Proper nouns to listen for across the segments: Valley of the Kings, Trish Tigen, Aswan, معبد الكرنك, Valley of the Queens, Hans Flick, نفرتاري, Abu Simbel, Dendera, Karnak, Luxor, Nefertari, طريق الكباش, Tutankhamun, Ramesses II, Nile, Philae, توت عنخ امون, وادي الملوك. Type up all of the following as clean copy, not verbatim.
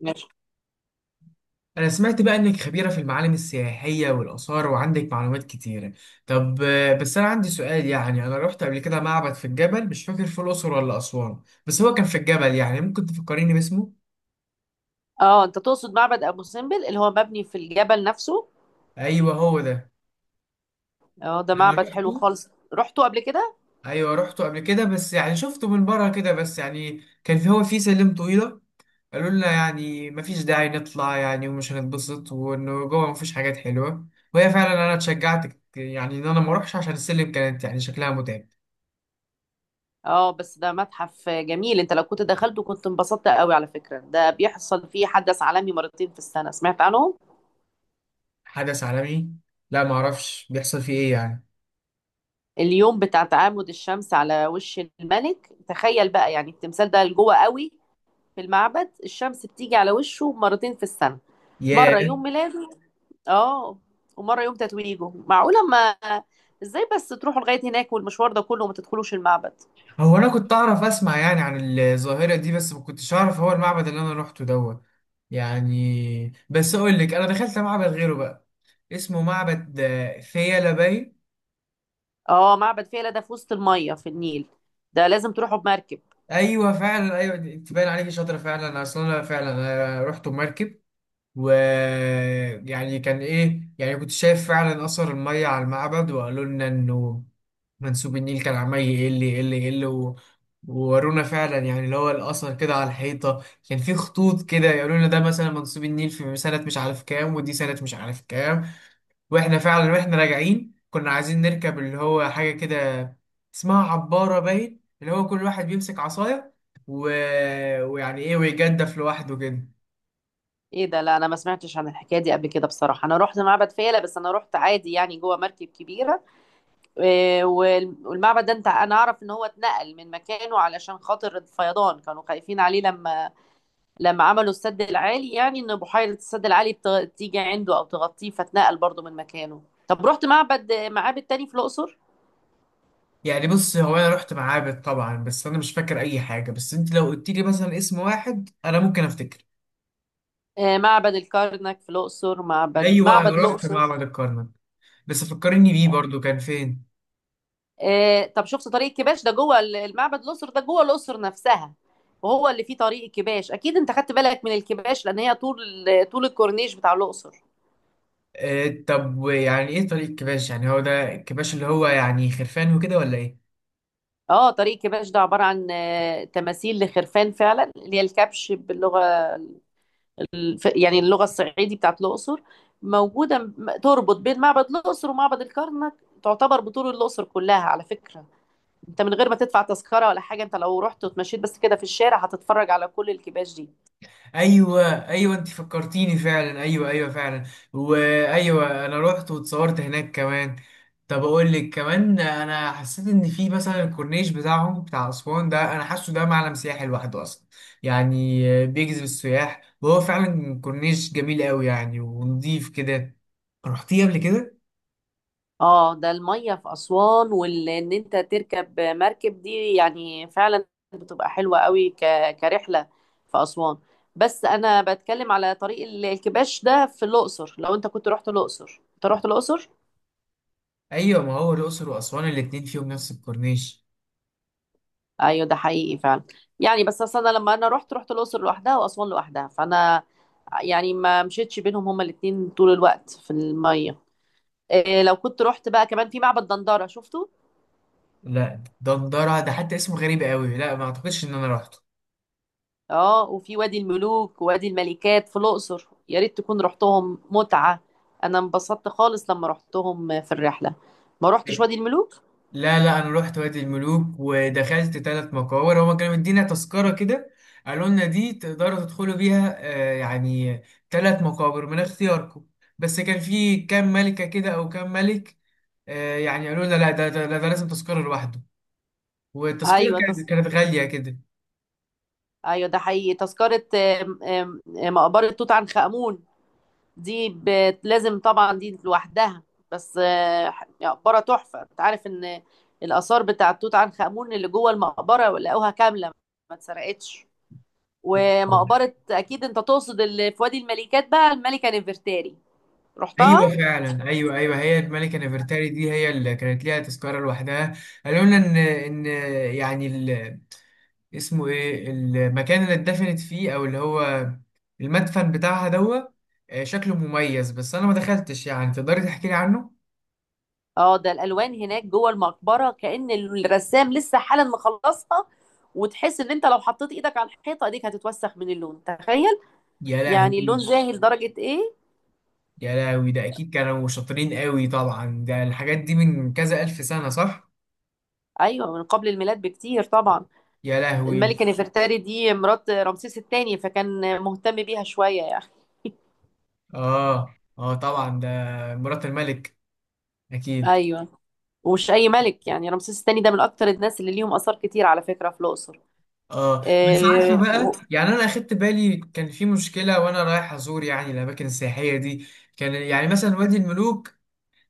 ماشي. أنا سمعت بقى إنك خبيرة في المعالم السياحية والآثار وعندك معلومات كتيرة. طب بس أنا عندي سؤال، يعني أنا رحت قبل كده معبد في الجبل، مش فاكر في الأقصر ولا أسوان، بس هو كان في الجبل. يعني ممكن تفكريني باسمه؟ اه، انت تقصد معبد ابو سمبل اللي هو مبني في الجبل نفسه. أيوه، هو ده. اه، ده أنا معبد حلو رحته. خالص، رحته قبل كده. أيوه رحته قبل كده، بس يعني شفته من بره كده بس، يعني كان في هو في سلم طويلة. قالوا لنا يعني مفيش داعي نطلع، يعني ومش هنتبسط، وانه جوه مفيش حاجات حلوه. وهي فعلا انا اتشجعت، يعني ان انا ما اروحش عشان السلم كانت يعني شكلها متعب. اه، بس ده متحف جميل، انت لو كنت دخلته كنت انبسطت قوي. على فكرة ده بيحصل فيه حدث عالمي مرتين في السنة، سمعت عنهم؟ حدث عالمي؟ لا، معرفش بيحصل فيه ايه يعني. اليوم بتاع تعامد الشمس على وش الملك، تخيل بقى يعني التمثال ده لجوه قوي في المعبد، الشمس بتيجي على وشه مرتين في السنة. مرة ياه. يوم ميلاده، اه، ومره يوم تتويجه. معقوله ما، ازاي بس تروحوا لغايه هناك والمشوار ده كله وما تدخلوش المعبد؟ هو انا كنت اعرف اسمع يعني عن الظاهرة دي، بس ما كنتش اعرف هو المعبد اللي انا روحته دوت. يعني بس اقول لك، انا دخلت معبد غيره بقى، اسمه معبد فيلة باين. اه، معبد فيلة ده في وسط الميه في النيل، ده لازم تروحوا بمركب. ايوه فعلا، ايوه. تبان عليك شاطرة فعلا، اصلا انا فعلا أنا رحت بمركب. ويعني كان ايه، يعني كنت شايف فعلا اثر الميه على المعبد، وقالوا لنا انه منسوب النيل كان عمال يقل يقل يقل. وورونا فعلا يعني اللي هو الاثر كده على الحيطه، كان في خطوط كده، يقولوا لنا ده مثلا منسوب النيل في سنه مش عارف كام، ودي سنه مش عارف كام. واحنا فعلا واحنا راجعين كنا عايزين نركب اللي هو حاجه كده اسمها عباره باين، اللي هو كل واحد بيمسك عصايه و... ويعني ايه، ويجدف لوحده كده. ايه ده؟ لا، انا ما سمعتش عن الحكايه دي قبل كده بصراحه. انا رحت معبد فيلة بس انا رحت عادي يعني جوه مركب كبيره. إيه، والمعبد ده، انت انا اعرف ان هو اتنقل من مكانه علشان خاطر الفيضان، كانوا خايفين عليه لما لما عملوا السد العالي. يعني ان بحيره السد العالي تيجي عنده او تغطيه، فتنقل برضو من مكانه. طب رحت معبد؟ معابد تاني في الاقصر؟ يعني بص، هو انا رحت معابد طبعا، بس انا مش فاكر اي حاجه، بس انت لو قلت لي مثلا اسم واحد انا ممكن افتكر. آه، معبد الكرنك في الاقصر، معبد ايوه، انا معبد رحت الاقصر. معبد الكرنك، بس فكرني بيه برضو كان فين. آه، طب شفت طريق الكباش ده جوه المعبد الاقصر؟ ده جوه الاقصر نفسها، وهو اللي فيه طريق الكباش. اكيد انت خدت بالك من الكباش، لان هي طول طول الكورنيش بتاع الاقصر. آه، طب يعني ايه طريق كباش؟ يعني هو ده الكباش اللي هو يعني خرفان وكده، ولا ايه؟ اه، طريق الكباش ده عباره عن تماثيل لخرفان فعلا، اللي هي الكبش باللغه يعني اللغة الصعيدي بتاعت الأقصر، موجودة تربط بين معبد الأقصر ومعبد الكرنك، تعتبر بطول الأقصر كلها على فكرة. انت من غير ما تدفع تذكرة ولا حاجة، انت لو رحت وتمشيت بس كده في الشارع هتتفرج على كل الكباش دي. ايوه، ايوه، انت فكرتيني فعلا، ايوه، ايوه فعلا. وايوه، انا رحت واتصورت هناك كمان. طب اقول لك كمان، انا حسيت ان في مثلا الكورنيش بتاعهم بتاع اسوان ده، انا حاسه ده معلم سياحي لوحده اصلا، يعني بيجذب السياح، وهو فعلا كورنيش جميل قوي يعني، ونضيف كده. رحتيه قبل كده؟ اه، ده المية في أسوان، وان انت تركب مركب دي يعني فعلا بتبقى حلوة قوي كرحلة في أسوان. بس انا بتكلم على طريق الكباش ده في الأقصر. لو انت كنت رحت الأقصر، انت رحت الأقصر؟ ايوه، ما هو الاقصر واسوان الاتنين فيهم نفس الكورنيش. ايوه ده حقيقي فعلا. يعني بس اصل انا لما انا رحت رحت الاقصر لوحدها واسوان لوحدها، فانا يعني ما مشيتش بينهم هما الاتنين طول الوقت في الميه. إيه لو كنت رحت بقى كمان في معبد دندره، شفته؟ لا، ده ندرة، ده حتى اسمه غريب قوي، لا، ما اعتقدش ان انا رحته. اه، وفي وادي الملوك ووادي الملكات في الاقصر، يا ريت تكون رحتهم، متعه. انا انبسطت خالص لما رحتهم في الرحله. ما رحتش وادي الملوك؟ لا، لا، انا رحت وادي الملوك ودخلت 3 مقابر، هما كانوا مدينا تذكره كده، قالوا لنا دي تقدروا تدخلوا بيها، يعني 3 مقابر من اختياركم. بس كان في كام ملكه كده او كام ملك، يعني قالوا لنا لا، ده، ده، ده ده لازم تذكره لوحده، والتذكره ايوه كانت غاليه كده. ايوه ده حقيقي، تذكره. آم، آم، آم، مقبره توت عنخ امون، دي لازم طبعا دي لوحدها، بس مقبرة تحفة. انت عارف ان الآثار بتاعة توت عنخ آمون اللي جوه المقبرة لقوها كاملة، ما اتسرقتش. ومقبرة أكيد انت تقصد اللي في وادي الملكات بقى الملكة نفرتاري، رحتها؟ ايوه فعلا، ايوه، ايوه، هي الملكه نفرتاري دي هي اللي كانت ليها تذكره لوحدها. قالوا لنا ان، ان، يعني، اسمه ايه المكان اللي اتدفنت فيه، او اللي هو المدفن بتاعها دوا. شكله مميز، بس انا ما دخلتش، يعني تقدري تحكي لي عنه. اه، ده الألوان هناك جوه المقبرة كأن الرسام لسه حالا مخلصها. وتحس ان انت لو حطيت ايدك على الحيطة ايديك هتتوسخ من اللون، تخيل يا يعني اللون لهوي. زاهي لدرجة ايه؟ يا لهوي، ده اكيد كانوا شاطرين قوي طبعا، ده الحاجات دي من كذا الف سنة، صح؟ ايوه، من قبل الميلاد بكتير طبعا. يا لهوي. الملكة نفرتاري دي مرات رمسيس الثاني، فكان مهتم بيها شوية يعني. اه، اه، طبعا ده مرات الملك، اكيد. أيوة، ومش أي ملك يعني، رمسيس الثاني ده من أكتر الناس اللي ليهم آثار كتير على فكرة في الأقصر. اه، بس عارفه إيه بقى، يعني انا اخدت بالي كان في مشكله وانا رايح ازور يعني الاماكن السياحيه دي. كان يعني مثلا وادي الملوك،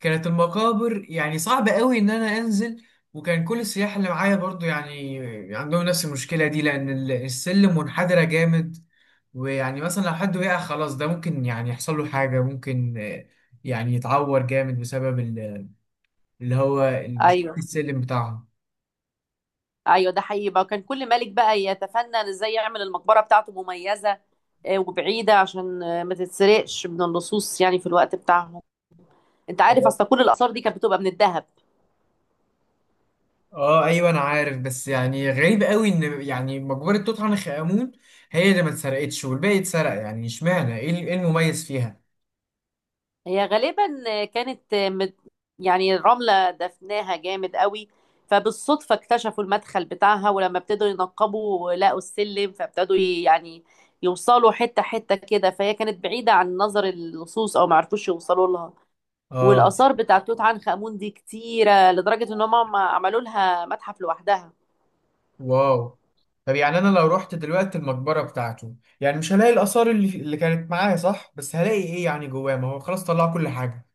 كانت المقابر يعني صعب قوي ان انا انزل، وكان كل السياح اللي معايا برضو يعني عندهم نفس المشكلة دي، لان السلم منحدرة جامد، ويعني مثلا لو حد وقع خلاص ده ممكن يعني يحصل له حاجة، ممكن يعني يتعور جامد بسبب اللي هو شكل أيوه، السلم بتاعهم. أيوه، ده حقيقي بقى. كان كل ملك بقى يتفنن إزاي يعمل المقبرة بتاعته مميزة، إيه، وبعيدة عشان ما تتسرقش من اللصوص يعني في الوقت بتاعهم. أنت عارف تمام. أصلا كل الآثار دي كانت بتبقى من الذهب. اه ايوه، انا عارف، بس يعني غريب قوي ان يعني مقبرة توت عنخ امون هي اللي ما اتسرقتش والباقي اتسرق، يعني اشمعنى، ايه إيه المميز فيها؟ هي غالبا كانت يعني رملة دفناها جامد قوي، فبالصدفة اكتشفوا المدخل بتاعها، ولما ابتدوا ينقبوا لقوا السلم، فابتدوا يعني يوصلوا حتة حتة كده. فهي كانت بعيدة عن نظر اللصوص أو معرفوش يوصلوا لها. اه. والآثار بتاعت توت عنخ آمون دي كتيرة لدرجة إن هم عملوا لها متحف لوحدها. واو. طب يعني انا لو رحت دلوقتي المقبره بتاعته، يعني مش هلاقي الاثار اللي كانت معايا، صح؟ بس هلاقي ايه يعني جواه؟ ما هو خلاص طلع كل حاجه.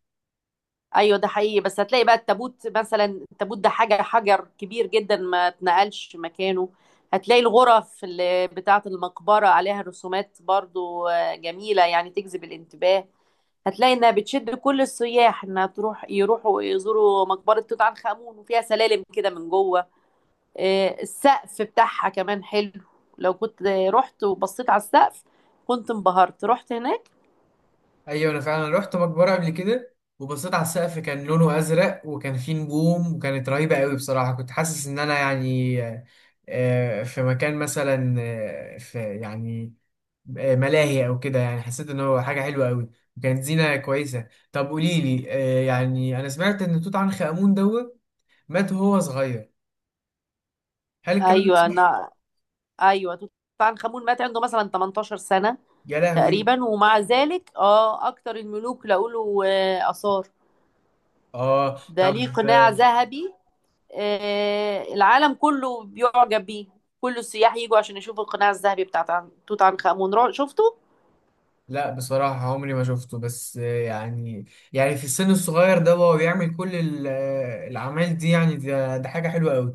ايوه ده حقيقي، بس هتلاقي بقى التابوت مثلا، التابوت ده حاجه حجر كبير جدا ما اتنقلش مكانه. هتلاقي الغرف اللي بتاعه المقبره عليها رسومات برضو، جميله يعني تجذب الانتباه. هتلاقي انها بتشد كل السياح انها تروح، يروحوا يزوروا مقبره توت عنخ امون، وفيها سلالم كده من جوه. آه، السقف بتاعها كمان حلو، لو كنت رحت وبصيت على السقف كنت انبهرت. رحت هناك؟ ايوه، انا فعلا رحت مقبره قبل كده وبصيت على السقف، كان لونه ازرق وكان فيه نجوم وكانت رهيبه قوي بصراحه، كنت حاسس ان انا يعني في مكان مثلا، في يعني ملاهي او كده، يعني حسيت ان هو حاجه حلوه قوي وكانت زينه كويسه. طب قولي لي، يعني انا سمعت ان توت عنخ امون دوت مات وهو صغير، هل الكلام ده ايوه صح؟ انا، ايوه توت عنخ امون مات عنده مثلا 18 سنه يا لهوي. تقريبا، ومع ذلك اه اكتر الملوك لقوله اثار. اه، ده طب ليه قناع آه، ذهبي، العالم كله بيعجب بيه. كل السياح يجوا عشان يشوفوا القناع الذهبي بتاع توت عنخ آمون، شفته؟ لا بصراحة عمري ما شفته، بس يعني، يعني في السن الصغير ده وهو بيعمل كل الأعمال دي، يعني ده حاجة حلوة قوي.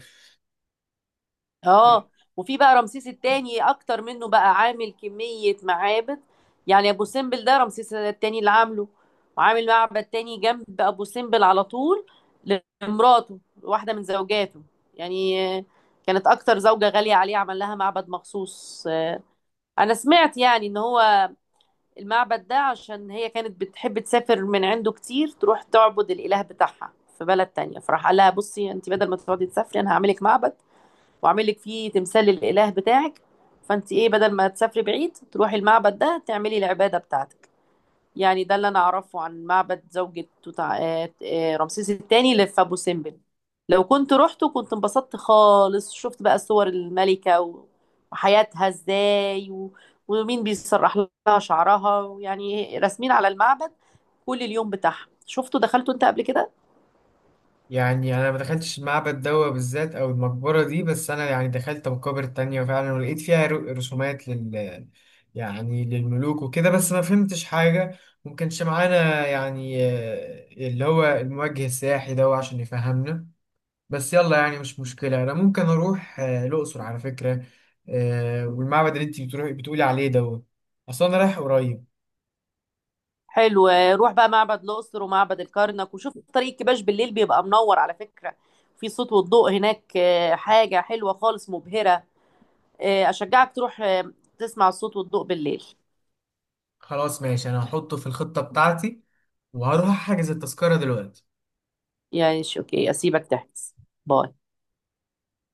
اه، وفي بقى رمسيس التاني اكتر منه بقى، عامل كمية معابد. يعني ابو سمبل ده رمسيس التاني اللي عامله، وعامل معبد تاني جنب ابو سمبل على طول لمراته، واحدة من زوجاته يعني. كانت اكتر زوجة غالية عليه، عمل لها معبد مخصوص. انا سمعت يعني ان هو المعبد ده عشان هي كانت بتحب تسافر من عنده كتير، تروح تعبد الاله بتاعها في بلد تانية. فراح قال لها: بصي انت بدل ما تقعدي تسافري انا هعملك معبد، واعمل لك فيه تمثال للاله بتاعك، فانت ايه بدل ما تسافري بعيد تروحي المعبد ده تعملي العباده بتاعتك. يعني ده اللي انا اعرفه عن معبد زوجة توت رمسيس الثاني اللي في ابو سمبل. لو كنت روحته كنت انبسطت خالص، شفت بقى صور الملكه وحياتها ازاي ومين بيسرح لها شعرها، يعني رسمين على المعبد، كل اليوم بتاعها. شفته؟ دخلته انت قبل كده؟ يعني أنا ما دخلتش المعبد ده بالذات أو المقبرة دي، بس أنا يعني دخلت مقابر تانية فعلا ولقيت فيها رسومات يعني للملوك وكده، بس ما فهمتش حاجة، ممكنش معانا يعني اللي هو الموجه السياحي ده عشان يفهمنا. بس يلا، يعني مش مشكلة، أنا ممكن أروح الأقصر على فكرة، والمعبد اللي أنت بتروحي بتقولي عليه دوت أصلا أنا رايح قريب. حلو، روح بقى معبد الأقصر ومعبد الكرنك، وشوف طريق كباش بالليل، بيبقى منور على فكرة. في صوت والضوء هناك، حاجة حلوة خالص، مبهرة. أشجعك تروح تسمع الصوت والضوء بالليل. خلاص ماشي، أنا هحطه في الخطة بتاعتي وهروح أحجز التذكرة دلوقتي. يعني أوكي، أسيبك تحجز. باي.